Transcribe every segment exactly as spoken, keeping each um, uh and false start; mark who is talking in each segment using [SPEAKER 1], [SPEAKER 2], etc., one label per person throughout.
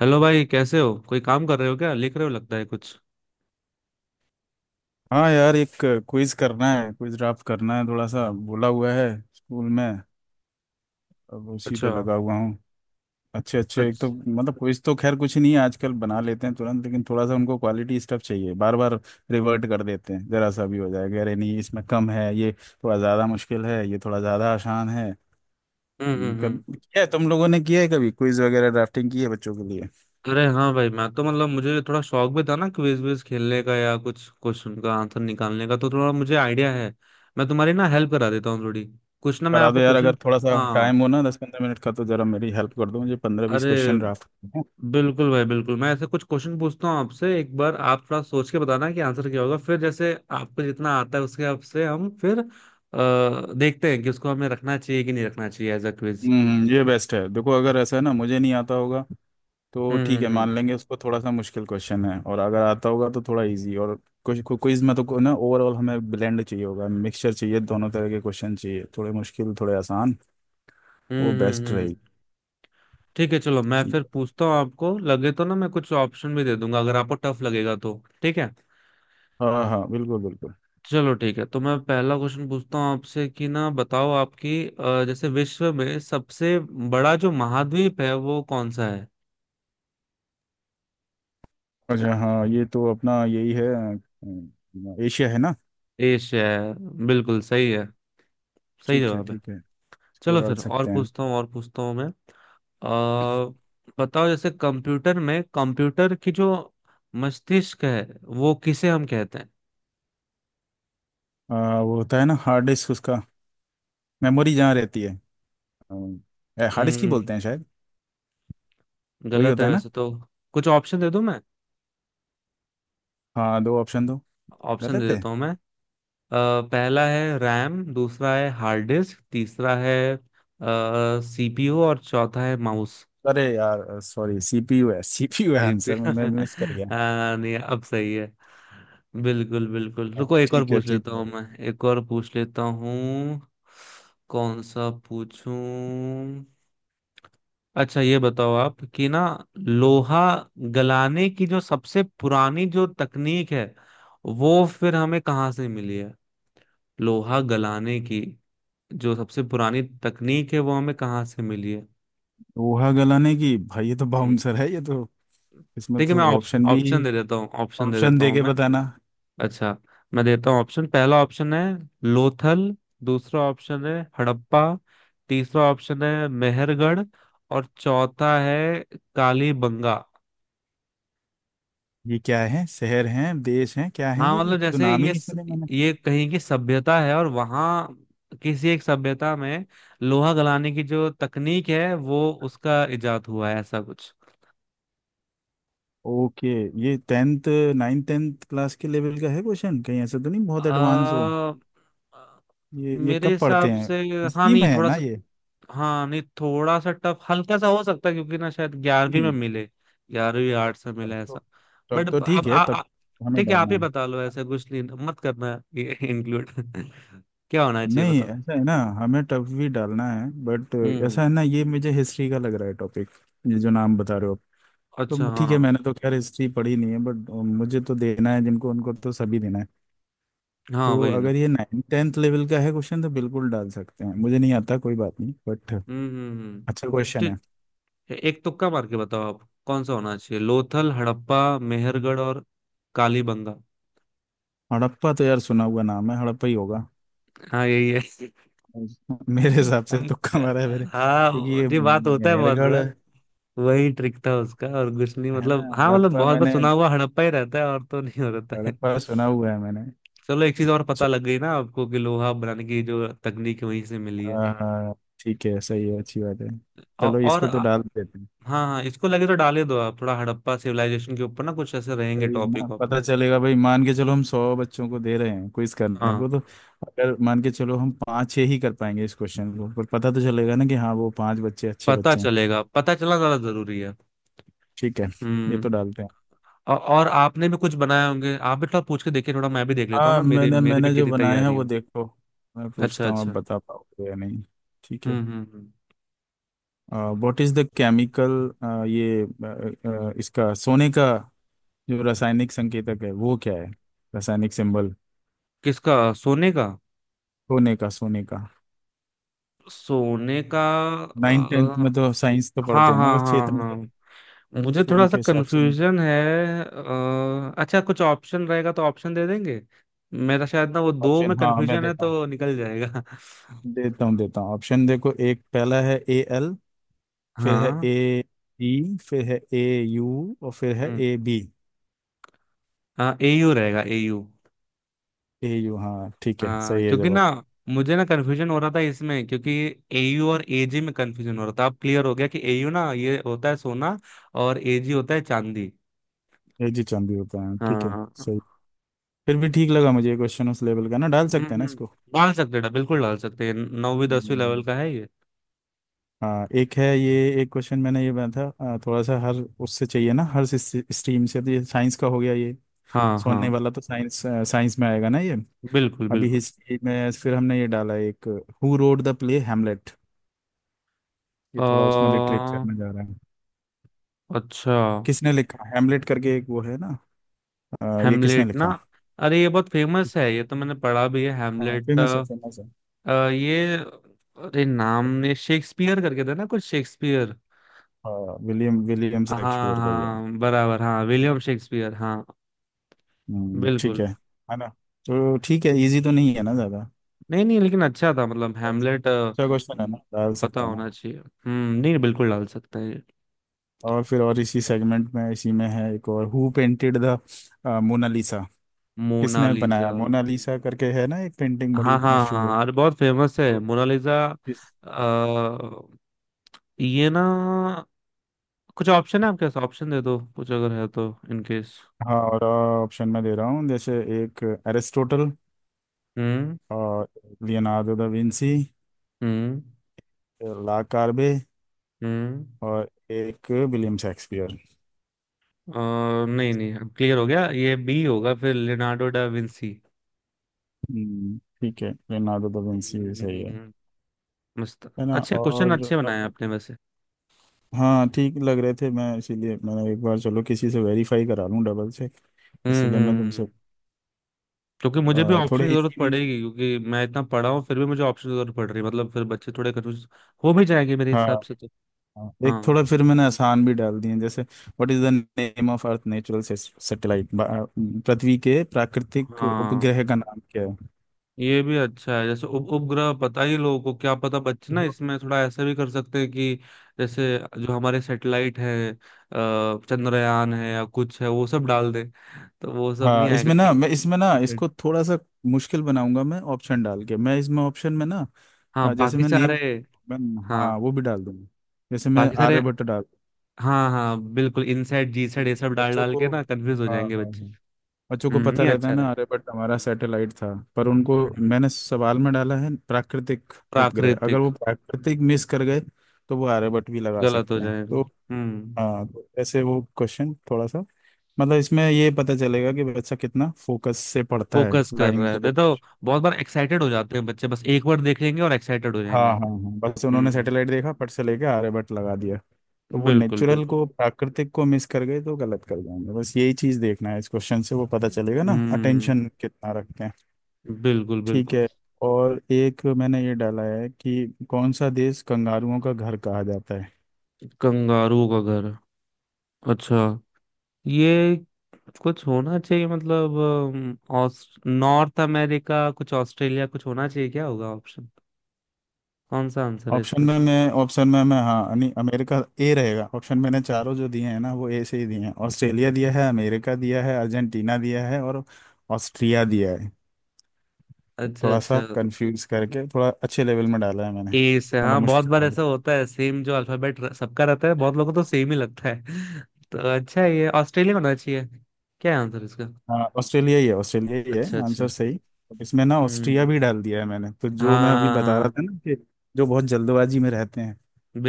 [SPEAKER 1] Hello भाई, कैसे हो? कोई काम कर रहे हो? क्या लिख रहे हो, लगता है कुछ।
[SPEAKER 2] हाँ यार एक क्विज करना है। क्विज ड्राफ्ट करना है, थोड़ा सा बोला हुआ है स्कूल में। अब उसी पे
[SPEAKER 1] अच्छा
[SPEAKER 2] लगा हुआ हूँ। अच्छे अच्छे, एक तो
[SPEAKER 1] अच्छा।
[SPEAKER 2] मतलब क्विज तो खैर कुछ नहीं है, आजकल बना लेते हैं तुरंत, लेकिन थोड़ा सा उनको क्वालिटी स्टफ चाहिए। बार बार रिवर्ट कर देते हैं, जरा सा भी हो जाएगा, अरे नहीं इसमें कम है ये, थोड़ा ज़्यादा मुश्किल है ये, थोड़ा ज़्यादा आसान है।
[SPEAKER 1] हम्म हम्म
[SPEAKER 2] कब
[SPEAKER 1] हम्म।
[SPEAKER 2] क्या है, तुम लोगों ने किया है कभी क्विज वगैरह ड्राफ्टिंग की है बच्चों के लिए?
[SPEAKER 1] अरे हाँ भाई, मैं तो मतलब मुझे थोड़ा शौक भी था ना क्विज विज खेलने का या कुछ क्वेश्चन का आंसर निकालने का, तो थोड़ा मुझे आइडिया है। मैं तुम्हारी ना हेल्प करा देता हूँ थोड़ी। कुछ ना मैं
[SPEAKER 2] करा दो
[SPEAKER 1] आपको
[SPEAKER 2] यार,
[SPEAKER 1] क्वेश्चन।
[SPEAKER 2] अगर थोड़ा सा
[SPEAKER 1] हाँ।
[SPEAKER 2] टाइम हो ना, दस पंद्रह मिनट का, तो जरा मेरी हेल्प कर दो, मुझे पंद्रह बीस
[SPEAKER 1] अरे
[SPEAKER 2] क्वेश्चन ड्राफ्ट।
[SPEAKER 1] बिल्कुल भाई बिल्कुल, मैं ऐसे कुछ क्वेश्चन पूछता हूँ आपसे। एक बार आप थोड़ा सोच के बताना कि आंसर क्या होगा, फिर जैसे आपको जितना आता है उसके हिसाब से हम फिर अ, देखते हैं कि उसको हमें रखना चाहिए कि नहीं रखना चाहिए एज अ क्विज।
[SPEAKER 2] हम्म, ये बेस्ट है। देखो, अगर ऐसा है ना, मुझे नहीं आता होगा तो
[SPEAKER 1] हम्म
[SPEAKER 2] ठीक है,
[SPEAKER 1] हम्म हम्म।
[SPEAKER 2] मान लेंगे उसको थोड़ा सा मुश्किल क्वेश्चन है, और अगर आता होगा तो थोड़ा इजी। और कुछ क्विज में तो को- ना ओवरऑल हमें ब्लेंड चाहिए होगा, मिक्सचर चाहिए, दोनों तरह के क्वेश्चन चाहिए, थोड़े मुश्किल थोड़े आसान। वो
[SPEAKER 1] हम्म हम्म
[SPEAKER 2] बेस्ट
[SPEAKER 1] हम्म।
[SPEAKER 2] रहेगी।
[SPEAKER 1] ठीक है चलो, मैं
[SPEAKER 2] ठीक
[SPEAKER 1] फिर पूछता हूँ। आपको लगे तो ना मैं कुछ ऑप्शन भी दे दूंगा, अगर आपको टफ लगेगा तो। ठीक है
[SPEAKER 2] है, हाँ हाँ, बिल्कुल बिल्कुल।
[SPEAKER 1] चलो, ठीक है। तो मैं पहला क्वेश्चन पूछता हूँ आपसे कि ना, बताओ आपकी अ, जैसे विश्व में सबसे बड़ा जो महाद्वीप है वो कौन सा है?
[SPEAKER 2] अच्छा हाँ, ये तो अपना यही है, अ, एशिया है ना।
[SPEAKER 1] एशिया है। बिल्कुल सही है, सही
[SPEAKER 2] ठीक है
[SPEAKER 1] जवाब है।
[SPEAKER 2] ठीक है, इसको
[SPEAKER 1] चलो
[SPEAKER 2] डाल
[SPEAKER 1] फिर और
[SPEAKER 2] सकते हैं।
[SPEAKER 1] पूछता हूँ, और पूछता हूँ मैं। अ, बताओ जैसे कंप्यूटर में, कंप्यूटर की जो मस्तिष्क है वो किसे हम कहते हैं?
[SPEAKER 2] अ, वो होता है ना हार्ड डिस्क, उसका मेमोरी जहाँ रहती है। हार्ड डिस्क ही
[SPEAKER 1] हम्म,
[SPEAKER 2] बोलते हैं शायद। वही
[SPEAKER 1] गलत
[SPEAKER 2] होता
[SPEAKER 1] है
[SPEAKER 2] है ना।
[SPEAKER 1] वैसे तो। कुछ ऑप्शन दे दूं मैं?
[SPEAKER 2] हाँ, दो ऑप्शन दो।
[SPEAKER 1] ऑप्शन दे
[SPEAKER 2] गलत है।
[SPEAKER 1] देता हूँ मैं। अ, पहला है रैम, दूसरा है हार्ड डिस्क, तीसरा है सीपीयू और चौथा है माउस।
[SPEAKER 2] अरे यार सॉरी, सीपीयू है, सीपीयू है आंसर,
[SPEAKER 1] सीपीयू
[SPEAKER 2] मैं मिस कर गया।
[SPEAKER 1] नहीं अब सही है, बिल्कुल बिल्कुल।
[SPEAKER 2] हाँ,
[SPEAKER 1] रुको एक और
[SPEAKER 2] ठीक है
[SPEAKER 1] पूछ
[SPEAKER 2] ठीक
[SPEAKER 1] लेता
[SPEAKER 2] है।
[SPEAKER 1] हूँ मैं एक और पूछ लेता हूँ। कौन सा पूछूं? अच्छा ये बताओ आप कि ना, लोहा गलाने की जो सबसे पुरानी जो तकनीक है वो फिर हमें कहाँ से मिली है? लोहा गलाने की जो सबसे पुरानी तकनीक है वो हमें कहाँ से मिली है?
[SPEAKER 2] लोहा गलाने की, भाई ये तो
[SPEAKER 1] हम्म,
[SPEAKER 2] बाउंसर है ये तो। इसमें
[SPEAKER 1] ठीक है, मैं
[SPEAKER 2] तो
[SPEAKER 1] ऑप्श-
[SPEAKER 2] ऑप्शन भी,
[SPEAKER 1] ऑप्शन दे देता हूँ, ऑप्शन दे
[SPEAKER 2] ऑप्शन
[SPEAKER 1] देता
[SPEAKER 2] दे
[SPEAKER 1] हूँ
[SPEAKER 2] के
[SPEAKER 1] मैं।
[SPEAKER 2] बताना।
[SPEAKER 1] अच्छा, मैं देता हूँ ऑप्शन। पहला ऑप्शन है लोथल, दूसरा ऑप्शन है हड़प्पा, तीसरा ऑप्शन है मेहरगढ़ और चौथा है कालीबंगा।
[SPEAKER 2] ये क्या है, शहर है, देश है, क्या है?
[SPEAKER 1] हाँ
[SPEAKER 2] ये
[SPEAKER 1] मतलब
[SPEAKER 2] तो
[SPEAKER 1] जैसे
[SPEAKER 2] नाम ही
[SPEAKER 1] ये
[SPEAKER 2] नहीं
[SPEAKER 1] स-
[SPEAKER 2] सुने मैंने।
[SPEAKER 1] ये कहीं की सभ्यता है और वहाँ किसी एक सभ्यता में लोहा गलाने की जो तकनीक है वो उसका इजाद हुआ है, ऐसा कुछ।
[SPEAKER 2] ओके, ये टेंथ, नाइन टेंथ क्लास के लेवल का है क्वेश्चन, कहीं ऐसा तो नहीं बहुत
[SPEAKER 1] आ,
[SPEAKER 2] एडवांस हो? ये ये
[SPEAKER 1] मेरे
[SPEAKER 2] कब पढ़ते
[SPEAKER 1] हिसाब से
[SPEAKER 2] हैं,
[SPEAKER 1] हाँ
[SPEAKER 2] स्कीम
[SPEAKER 1] नहीं
[SPEAKER 2] है
[SPEAKER 1] थोड़ा
[SPEAKER 2] ना
[SPEAKER 1] सा,
[SPEAKER 2] ये?
[SPEAKER 1] हाँ नहीं थोड़ा सा टफ हल्का सा हो सकता है, क्योंकि ना शायद ग्यारहवीं में
[SPEAKER 2] नहीं,
[SPEAKER 1] मिले। ग्यारहवीं आर्ट से
[SPEAKER 2] तब
[SPEAKER 1] मिले ऐसा।
[SPEAKER 2] तो, तब
[SPEAKER 1] बट
[SPEAKER 2] तो
[SPEAKER 1] अब
[SPEAKER 2] ठीक है
[SPEAKER 1] आ,
[SPEAKER 2] तब।
[SPEAKER 1] आ,
[SPEAKER 2] हमें
[SPEAKER 1] ठीक है, आप
[SPEAKER 2] डालना
[SPEAKER 1] ही
[SPEAKER 2] है।
[SPEAKER 1] बता लो। ऐसा कुछ नहीं, मत करना ये इंक्लूड। क्या होना चाहिए
[SPEAKER 2] नहीं,
[SPEAKER 1] बताओ?
[SPEAKER 2] ऐसा है ना, हमें टफ भी डालना है, बट
[SPEAKER 1] हम्म।
[SPEAKER 2] ऐसा है ना, ये मुझे हिस्ट्री का लग रहा है टॉपिक, ये जो नाम बता रहे हो आप।
[SPEAKER 1] अच्छा
[SPEAKER 2] तो
[SPEAKER 1] हाँ।
[SPEAKER 2] ठीक है, मैंने तो खैर हिस्ट्री पढ़ी नहीं है, बट मुझे तो देना है, जिनको उनको तो सभी देना है।
[SPEAKER 1] हाँ
[SPEAKER 2] तो
[SPEAKER 1] वही ना।
[SPEAKER 2] अगर ये नाइन टेंथ लेवल का है क्वेश्चन तो बिल्कुल डाल सकते हैं, मुझे नहीं आता कोई बात नहीं, बट
[SPEAKER 1] हम्म हम्म हम्म।
[SPEAKER 2] अच्छा क्वेश्चन है।
[SPEAKER 1] तो एक तुक्का मार के बताओ, आप कौन सा होना चाहिए? लोथल, हड़प्पा, मेहरगढ़ और कालीबंगा।
[SPEAKER 2] हड़प्पा तो यार सुना हुआ नाम है, हड़प्पा ही होगा।
[SPEAKER 1] हाँ यही है।
[SPEAKER 2] मेरे हिसाब से तुक्का मारा है मेरे,
[SPEAKER 1] हाँ
[SPEAKER 2] क्योंकि ये
[SPEAKER 1] वो- ये बात होता है बहुत
[SPEAKER 2] मेहरगढ़
[SPEAKER 1] बार। वही ट्रिक था उसका और कुछ नहीं,
[SPEAKER 2] है ना।
[SPEAKER 1] मतलब हाँ मतलब
[SPEAKER 2] हड़प्पा
[SPEAKER 1] बहुत बार
[SPEAKER 2] मैंने,
[SPEAKER 1] सुना हुआ हड़प्पा ही रहता है, और तो नहीं हो रहता है।
[SPEAKER 2] हड़प्पा सुना हुआ है मैंने।
[SPEAKER 1] चलो एक चीज और पता लग गई ना आपको, कि लोहा बनाने की जो तकनीक है वहीं से मिली है।
[SPEAKER 2] हाँ हाँ, ठीक है, सही है, अच्छी बात है।
[SPEAKER 1] औ,
[SPEAKER 2] चलो
[SPEAKER 1] और
[SPEAKER 2] इसको तो
[SPEAKER 1] आ-
[SPEAKER 2] डाल देते हैं।
[SPEAKER 1] हाँ हाँ, इसको लगे तो डाले दो आप। थोड़ा हड़प्पा सिविलाइजेशन के ऊपर ना कुछ ऐसे रहेंगे
[SPEAKER 2] सही है ना,
[SPEAKER 1] टॉपिक वॉपिक।
[SPEAKER 2] पता चलेगा भाई। मान के चलो, हम सौ बच्चों को दे रहे हैं क्विज करने
[SPEAKER 1] हाँ,
[SPEAKER 2] को, तो अगर मान के चलो हम पाँच छः ही कर पाएंगे इस क्वेश्चन को, पर पता तो चलेगा ना कि हाँ वो पांच बच्चे अच्छे
[SPEAKER 1] पता
[SPEAKER 2] बच्चे हैं।
[SPEAKER 1] चलेगा, पता चलना ज्यादा जरूरी है।
[SPEAKER 2] ठीक है, ये तो
[SPEAKER 1] हम्म।
[SPEAKER 2] डालते हैं।
[SPEAKER 1] औ- और आपने भी कुछ बनाए होंगे, आप भी थोड़ा पूछ के देखिए, थोड़ा मैं भी देख लेता हूँ
[SPEAKER 2] हाँ,
[SPEAKER 1] ना मेरे
[SPEAKER 2] मैंने
[SPEAKER 1] मेरे में
[SPEAKER 2] मैंने जो
[SPEAKER 1] कितनी
[SPEAKER 2] बनाए हैं
[SPEAKER 1] तैयारी
[SPEAKER 2] वो
[SPEAKER 1] हो।
[SPEAKER 2] देखो, मैं
[SPEAKER 1] अच्छा
[SPEAKER 2] पूछता हूँ, आप
[SPEAKER 1] अच्छा।
[SPEAKER 2] बता पाओगे या नहीं। ठीक है।
[SPEAKER 1] हम्म हम्म हम्म।
[SPEAKER 2] व्हाट इज द केमिकल, ये अ, अ, इसका, सोने का जो रासायनिक संकेतक है वो क्या है, रासायनिक सिंबल?
[SPEAKER 1] किसका? सोने का,
[SPEAKER 2] सोने का, सोने का।
[SPEAKER 1] सोने का?
[SPEAKER 2] नाइन टेंथ में
[SPEAKER 1] अ,
[SPEAKER 2] तो साइंस तो
[SPEAKER 1] हाँ
[SPEAKER 2] पढ़ते हैं ना
[SPEAKER 1] हाँ
[SPEAKER 2] बच्चे
[SPEAKER 1] हाँ
[SPEAKER 2] इतने तो।
[SPEAKER 1] हाँ, मुझे थोड़ा सा
[SPEAKER 2] उनके हिसाब से मुझे।
[SPEAKER 1] कंफ्यूजन है। अ, अच्छा, कुछ ऑप्शन रहेगा तो ऑप्शन दे देंगे। मेरा शायद ना वो दो
[SPEAKER 2] ऑप्शन,
[SPEAKER 1] में
[SPEAKER 2] हाँ मैं
[SPEAKER 1] कंफ्यूजन है,
[SPEAKER 2] देता हूँ,
[SPEAKER 1] तो निकल जाएगा।
[SPEAKER 2] देता हूँ देता हूँ ऑप्शन। देखो, एक पहला है ए एल, फिर है
[SPEAKER 1] हाँ।
[SPEAKER 2] ए ई, फिर है ए यू, और फिर है
[SPEAKER 1] हम्म।
[SPEAKER 2] A B.
[SPEAKER 1] हाँ एयू रहेगा, एयू।
[SPEAKER 2] ए यू, हाँ ठीक है,
[SPEAKER 1] हाँ
[SPEAKER 2] सही है
[SPEAKER 1] क्योंकि ना
[SPEAKER 2] जवाब।
[SPEAKER 1] मुझे ना कन्फ्यूजन हो रहा था इसमें, क्योंकि एयू और एजी में कन्फ्यूजन हो रहा था। अब क्लियर हो गया कि एयू ना ये होता है सोना और एजी होता है चांदी।
[SPEAKER 2] ए जी चांद भी होता है, ठीक है।
[SPEAKER 1] हाँ।
[SPEAKER 2] सही। फिर भी ठीक लगा मुझे ये क्वेश्चन, उस लेवल का ना, डाल
[SPEAKER 1] हम्म
[SPEAKER 2] सकते हैं ना
[SPEAKER 1] हम्म।
[SPEAKER 2] इसको?
[SPEAKER 1] डाल सकते हैं, बिल्कुल डाल सकते हैं, नौवीं दसवीं लेवल
[SPEAKER 2] हम्म।
[SPEAKER 1] का है ये।
[SPEAKER 2] हाँ, एक है ये, एक क्वेश्चन मैंने ये बनाया था। अ, थोड़ा सा हर, उससे चाहिए ना हर स्ट्रीम से, तो ये साइंस का हो गया ये,
[SPEAKER 1] हाँ हाँ
[SPEAKER 2] सोने वाला तो साइंस, साइंस में आएगा ना ये।
[SPEAKER 1] बिल्कुल
[SPEAKER 2] अभी
[SPEAKER 1] बिल्कुल।
[SPEAKER 2] हिस्ट्री में फिर हमने ये डाला एक, who wrote the play Hamlet, ये थोड़ा उसमें लिटरेचर
[SPEAKER 1] अ,
[SPEAKER 2] में जा रहा है।
[SPEAKER 1] अच्छा।
[SPEAKER 2] किसने लिखा हेमलेट करके एक वो है ना, अ, ये किसने
[SPEAKER 1] हेमलेट ना?
[SPEAKER 2] लिखा?
[SPEAKER 1] अरे ये बहुत फेमस है, ये तो मैंने पढ़ा भी है
[SPEAKER 2] हाँ,
[SPEAKER 1] हेमलेट।
[SPEAKER 2] फेमस है
[SPEAKER 1] अ,
[SPEAKER 2] फेमस है।
[SPEAKER 1] अ, ये अरे नाम ये शेक्सपियर करके था ना कुछ, शेक्सपियर।
[SPEAKER 2] हाँ, विलियम, विलियम
[SPEAKER 1] हाँ
[SPEAKER 2] शेक्सपियर का ही है।
[SPEAKER 1] हाँ बराबर, हाँ विलियम शेक्सपियर हाँ।
[SPEAKER 2] हम्म, ठीक
[SPEAKER 1] बिल्कुल।
[SPEAKER 2] है है ना। तो ठीक है, इजी तो नहीं है ना ज़्यादा,
[SPEAKER 1] नहीं नहीं लेकिन अच्छा था मतलब,
[SPEAKER 2] और
[SPEAKER 1] हैमलेट
[SPEAKER 2] अच्छा क्वेश्चन है ना, डाल
[SPEAKER 1] पता
[SPEAKER 2] सकते हैं ना?
[SPEAKER 1] होना चाहिए। हम्म, नहीं बिल्कुल डाल सकते हैं।
[SPEAKER 2] और फिर और इसी सेगमेंट में इसी में है एक और, हु पेंटेड द मोनालिसा, किसने बनाया
[SPEAKER 1] मोनालिजा।
[SPEAKER 2] मोनालिसा करके है ना एक पेंटिंग
[SPEAKER 1] हाँ
[SPEAKER 2] बड़ी
[SPEAKER 1] हाँ
[SPEAKER 2] मशहूर है।
[SPEAKER 1] हाँ, अरे बहुत फेमस है
[SPEAKER 2] तो
[SPEAKER 1] मोनालिजा।
[SPEAKER 2] किस?
[SPEAKER 1] अ, ये ना कुछ ऑप्शन है आपके पास? ऑप्शन दे दो कुछ अगर है तो इनकेस।
[SPEAKER 2] हाँ, और ऑप्शन में दे रहा हूँ, जैसे एक एरिस्टोटल,
[SPEAKER 1] हम्म।
[SPEAKER 2] और लियोनार्डो दा विंसी,
[SPEAKER 1] हम्म।
[SPEAKER 2] ला कार्बे,
[SPEAKER 1] हम्म।
[SPEAKER 2] और एक विलियम शेक्सपियर।
[SPEAKER 1] अ, नहीं नहीं, क्लियर हो गया, ये बी होगा फिर, लियोनार्डो डा विंसी।
[SPEAKER 2] हम्म, ठीक है, लियोनार्डो दा विंसी भी सही है।
[SPEAKER 1] मस्त।
[SPEAKER 2] है ना।
[SPEAKER 1] अच्छे क्वेश्चन,
[SPEAKER 2] और
[SPEAKER 1] अच्छे बनाए आपने वैसे।
[SPEAKER 2] हाँ ठीक लग रहे थे, मैं इसीलिए मैंने एक बार चलो किसी से वेरीफाई करा लूँ, डबल चेक।
[SPEAKER 1] हम्म
[SPEAKER 2] इसीलिए मैं
[SPEAKER 1] हम्म
[SPEAKER 2] तुमसे।
[SPEAKER 1] हम्म। क्योंकि मुझे भी
[SPEAKER 2] अ,
[SPEAKER 1] ऑप्शन
[SPEAKER 2] थोड़े
[SPEAKER 1] की जरूरत
[SPEAKER 2] इसी भी।
[SPEAKER 1] पड़ेगी, क्योंकि मैं इतना पढ़ा हूँ फिर भी मुझे ऑप्शन की जरूरत पड़ रही है, मतलब फिर बच्चे थोड़े कंफ्यूज हो भी जाएंगे मेरे
[SPEAKER 2] हाँ।
[SPEAKER 1] हिसाब से तो।
[SPEAKER 2] हाँ। एक
[SPEAKER 1] हाँ
[SPEAKER 2] थोड़ा फिर मैंने आसान भी डाल दिए हैं, जैसे what is the name of Earth natural satellite, पृथ्वी के प्राकृतिक
[SPEAKER 1] हाँ,
[SPEAKER 2] उपग्रह का नाम क्या है।
[SPEAKER 1] ये भी अच्छा है, जैसे उप उपग्रह पता ही लोगों को क्या पता। बच्चे ना इसमें थोड़ा ऐसा भी कर सकते हैं कि जैसे जो हमारे सैटेलाइट है अ, चंद्रयान है या कुछ है वो सब डाल दे, तो वो सब नहीं
[SPEAKER 2] हाँ,
[SPEAKER 1] आएगा
[SPEAKER 2] इसमें ना,
[SPEAKER 1] इन,
[SPEAKER 2] मैं इसमें ना,
[SPEAKER 1] इन,
[SPEAKER 2] इसको थोड़ा सा मुश्किल बनाऊंगा मैं ऑप्शन डाल के। मैं इसमें ऑप्शन में ना,
[SPEAKER 1] हाँ
[SPEAKER 2] अ, जैसे
[SPEAKER 1] बाकी
[SPEAKER 2] मैं
[SPEAKER 1] सारे
[SPEAKER 2] नेम, मैं, हाँ,
[SPEAKER 1] हाँ
[SPEAKER 2] वो भी डाल दूंगा। जैसे मैं
[SPEAKER 1] बाकी सारे
[SPEAKER 2] आर्यभट्ट डाल,
[SPEAKER 1] हाँ हाँ बिल्कुल, इनसाइड जी साइड ये
[SPEAKER 2] क्योंकि
[SPEAKER 1] सब डाल
[SPEAKER 2] बच्चों
[SPEAKER 1] डाल के
[SPEAKER 2] को,
[SPEAKER 1] ना कंफ्यूज हो
[SPEAKER 2] हाँ
[SPEAKER 1] जाएंगे
[SPEAKER 2] हाँ
[SPEAKER 1] बच्चे।
[SPEAKER 2] हाँ, बच्चों को
[SPEAKER 1] हम्म,
[SPEAKER 2] पता
[SPEAKER 1] नहीं
[SPEAKER 2] रहता
[SPEAKER 1] अच्छा
[SPEAKER 2] है ना,
[SPEAKER 1] रहेगा।
[SPEAKER 2] अरे बट हमारा सैटेलाइट था, पर उनको।
[SPEAKER 1] हम्म।
[SPEAKER 2] मैंने सवाल में डाला है प्राकृतिक उपग्रह, अगर
[SPEAKER 1] प्राकृतिक।
[SPEAKER 2] वो प्राकृतिक मिस कर गए तो वो आर्यभट्ट भी लगा
[SPEAKER 1] गलत हो
[SPEAKER 2] सकते हैं
[SPEAKER 1] जाएगा।
[SPEAKER 2] तो।
[SPEAKER 1] हम्म।
[SPEAKER 2] हाँ, तो ऐसे वो क्वेश्चन थोड़ा सा, मतलब इसमें ये पता चलेगा कि बच्चा कितना फोकस से पढ़ता है
[SPEAKER 1] फोकस कर
[SPEAKER 2] लाइन
[SPEAKER 1] रहा है
[SPEAKER 2] को।
[SPEAKER 1] देखो। बहुत बार एक्साइटेड हो जाते हैं बच्चे, बस एक बार देख लेंगे और एक्साइटेड हो
[SPEAKER 2] हाँ
[SPEAKER 1] जाएंगे।
[SPEAKER 2] हाँ हाँ, बस उन्होंने
[SPEAKER 1] हम्म,
[SPEAKER 2] सैटेलाइट देखा फट से लेके आर्यभट्ट लगा दिया, तो वो
[SPEAKER 1] बिल्कुल
[SPEAKER 2] नेचुरल
[SPEAKER 1] बिल्कुल।
[SPEAKER 2] को, प्राकृतिक को मिस कर गए तो गलत कर जाएंगे, बस यही चीज देखना है। इस क्वेश्चन से वो पता चलेगा ना,
[SPEAKER 1] हम्म,
[SPEAKER 2] अटेंशन कितना रखते हैं।
[SPEAKER 1] बिल्कुल
[SPEAKER 2] ठीक
[SPEAKER 1] बिल्कुल।
[SPEAKER 2] है। और एक मैंने ये डाला है कि कौन सा देश कंगारुओं का घर कहा जाता है।
[SPEAKER 1] कंगारू का घर? अच्छा ये कुछ होना चाहिए, मतलब अम, ऑस- नॉर्थ अमेरिका कुछ, ऑस्ट्रेलिया कुछ होना चाहिए। क्या होगा ऑप्शन, कौन सा आंसर है
[SPEAKER 2] ऑप्शन
[SPEAKER 1] इसमें
[SPEAKER 2] में
[SPEAKER 1] से?
[SPEAKER 2] मैं, ऑप्शन में मैं, हाँ यानी अमेरिका ए रहेगा, ऑप्शन मैंने चारों जो दिए हैं ना, वो ए से ही दिए हैं, ऑस्ट्रेलिया दिया है, अमेरिका दिया है, अर्जेंटीना दिया है, और ऑस्ट्रिया दिया है। तो
[SPEAKER 1] अच्छा
[SPEAKER 2] थोड़ा
[SPEAKER 1] अच्छा।
[SPEAKER 2] सा कंफ्यूज करके, थोड़ा अच्छे लेवल में डाला है मैंने,
[SPEAKER 1] ए से
[SPEAKER 2] मतलब
[SPEAKER 1] हाँ, बहुत
[SPEAKER 2] मुश्किल
[SPEAKER 1] बार
[SPEAKER 2] वाले।
[SPEAKER 1] ऐसा होता है सेम जो अल्फाबेट सबका रहता है, बहुत लोगों को तो सेम ही लगता है। तो अच्छा है, ये ऑस्ट्रेलिया होना चाहिए। क्या है आंसर इसका?
[SPEAKER 2] हाँ, ऑस्ट्रेलिया ही है, ऑस्ट्रेलिया ही है
[SPEAKER 1] अच्छा अच्छा।
[SPEAKER 2] आंसर, सही। इसमें ना ऑस्ट्रिया
[SPEAKER 1] हम्म।
[SPEAKER 2] भी डाल दिया है मैंने, तो जो मैं अभी बता रहा
[SPEAKER 1] हाँ
[SPEAKER 2] था ना कि जो बहुत जल्दबाजी में रहते हैं,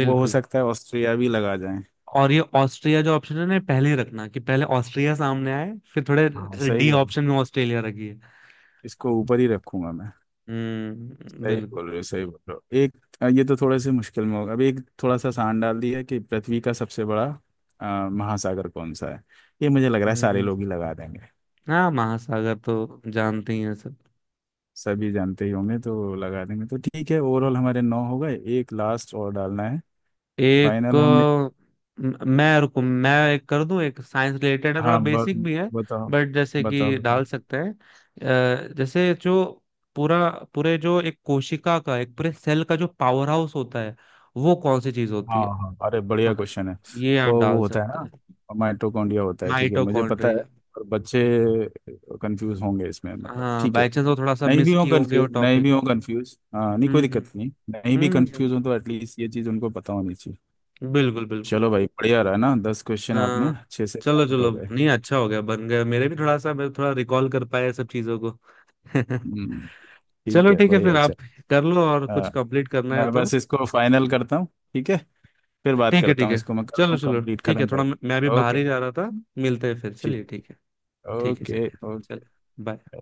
[SPEAKER 2] वो हो सकता है ऑस्ट्रिया भी लगा जाए।
[SPEAKER 1] और ये ऑस्ट्रिया जो ऑप्शन है ना, ये पहले ही रखना, कि पहले ऑस्ट्रिया सामने आए, फिर थोड़े
[SPEAKER 2] हाँ
[SPEAKER 1] जैसे
[SPEAKER 2] सही
[SPEAKER 1] डी
[SPEAKER 2] कह रहा हूँ,
[SPEAKER 1] ऑप्शन में ऑस्ट्रेलिया रखिए।
[SPEAKER 2] इसको ऊपर ही रखूंगा मैं।
[SPEAKER 1] हम्म
[SPEAKER 2] सही
[SPEAKER 1] बिल्कुल।
[SPEAKER 2] बोल रहे हो सही बोल रहे हो। एक अ, ये तो थोड़े से मुश्किल में होगा। अब एक थोड़ा सा आसान डाल दिया कि पृथ्वी का सबसे बड़ा अ, महासागर कौन सा है। ये मुझे लग रहा है सारे
[SPEAKER 1] हम्म।
[SPEAKER 2] लोग ही लगा देंगे,
[SPEAKER 1] हाँ महासागर तो जानते ही हैं सब।
[SPEAKER 2] सभी जानते ही होंगे तो लगा देंगे, तो ठीक है, ओवरऑल हमारे नौ हो गए, एक लास्ट और डालना है।
[SPEAKER 1] एक
[SPEAKER 2] फाइनल हम,
[SPEAKER 1] अ, म- मैं रुको, मैं एक कर दूं, एक साइंस रिलेटेड है, थोड़ा
[SPEAKER 2] हाँ,
[SPEAKER 1] बेसिक
[SPEAKER 2] ब,
[SPEAKER 1] भी है
[SPEAKER 2] बताओ
[SPEAKER 1] बट, जैसे कि
[SPEAKER 2] बताओ
[SPEAKER 1] डाल
[SPEAKER 2] बताओ।
[SPEAKER 1] सकते हैं। अ, जैसे जो पूरा, पूरे जो एक कोशिका का, एक पूरे सेल का जो पावर हाउस होता है वो कौन सी चीज होती
[SPEAKER 2] हाँ
[SPEAKER 1] है?
[SPEAKER 2] हाँ, अरे बढ़िया
[SPEAKER 1] हाँ
[SPEAKER 2] क्वेश्चन है।
[SPEAKER 1] ये
[SPEAKER 2] तो
[SPEAKER 1] आप
[SPEAKER 2] वो
[SPEAKER 1] डाल
[SPEAKER 2] होता है
[SPEAKER 1] सकते
[SPEAKER 2] ना,
[SPEAKER 1] हैं।
[SPEAKER 2] माइटोकॉन्ड्रिया होता है, ठीक है, मुझे पता है।
[SPEAKER 1] माइटोकॉन्ड्रिया।
[SPEAKER 2] और बच्चे कंफ्यूज होंगे इसमें, मतलब
[SPEAKER 1] हाँ
[SPEAKER 2] ठीक है।
[SPEAKER 1] बाई चांस वो थोड़ा सा
[SPEAKER 2] नहीं
[SPEAKER 1] मिस
[SPEAKER 2] भी हो
[SPEAKER 1] किए होंगे वो
[SPEAKER 2] कंफ्यूज, नहीं
[SPEAKER 1] टॉपिक।
[SPEAKER 2] भी हो कंफ्यूज, हाँ नहीं कोई
[SPEAKER 1] हम्म
[SPEAKER 2] दिक्कत नहीं, नहीं भी
[SPEAKER 1] हम्म। हम्म,
[SPEAKER 2] कंफ्यूज हो तो एटलीस्ट ये चीज़ उनको पता होनी चाहिए।
[SPEAKER 1] हम्म, बिल्कुल बिल्कुल।
[SPEAKER 2] चलो भाई, बढ़िया रहा ना, दस क्वेश्चन आपने
[SPEAKER 1] हाँ
[SPEAKER 2] अच्छे से
[SPEAKER 1] चलो
[SPEAKER 2] स्टार्ट
[SPEAKER 1] चलो,
[SPEAKER 2] हो गए।
[SPEAKER 1] नहीं अच्छा हो गया, बन गया। मेरे भी थोड़ा सा मैं थोड़ा रिकॉल कर पाया सब चीजों को।
[SPEAKER 2] हम्म, ठीक
[SPEAKER 1] चलो
[SPEAKER 2] है,
[SPEAKER 1] ठीक है,
[SPEAKER 2] बढ़िया,
[SPEAKER 1] फिर
[SPEAKER 2] अच्छा।
[SPEAKER 1] आप कर लो और, कुछ
[SPEAKER 2] हाँ,
[SPEAKER 1] कंप्लीट करना है
[SPEAKER 2] मैं
[SPEAKER 1] तो।
[SPEAKER 2] बस इसको फाइनल करता हूँ, ठीक है, फिर बात
[SPEAKER 1] ठीक है
[SPEAKER 2] करता
[SPEAKER 1] ठीक
[SPEAKER 2] हूँ,
[SPEAKER 1] है,
[SPEAKER 2] इसको मैं करता
[SPEAKER 1] चलो
[SPEAKER 2] हूँ
[SPEAKER 1] चलो
[SPEAKER 2] कंप्लीट,
[SPEAKER 1] ठीक है।
[SPEAKER 2] खत्म
[SPEAKER 1] थोड़ा मैं मैं भी
[SPEAKER 2] कर,
[SPEAKER 1] बाहर
[SPEAKER 2] ओके।
[SPEAKER 1] ही जा रहा था, मिलते हैं फिर,
[SPEAKER 2] ठीक,
[SPEAKER 1] चलिए ठीक है। ठीक है
[SPEAKER 2] ओके
[SPEAKER 1] चलिए।
[SPEAKER 2] ओके।
[SPEAKER 1] चलो बाय।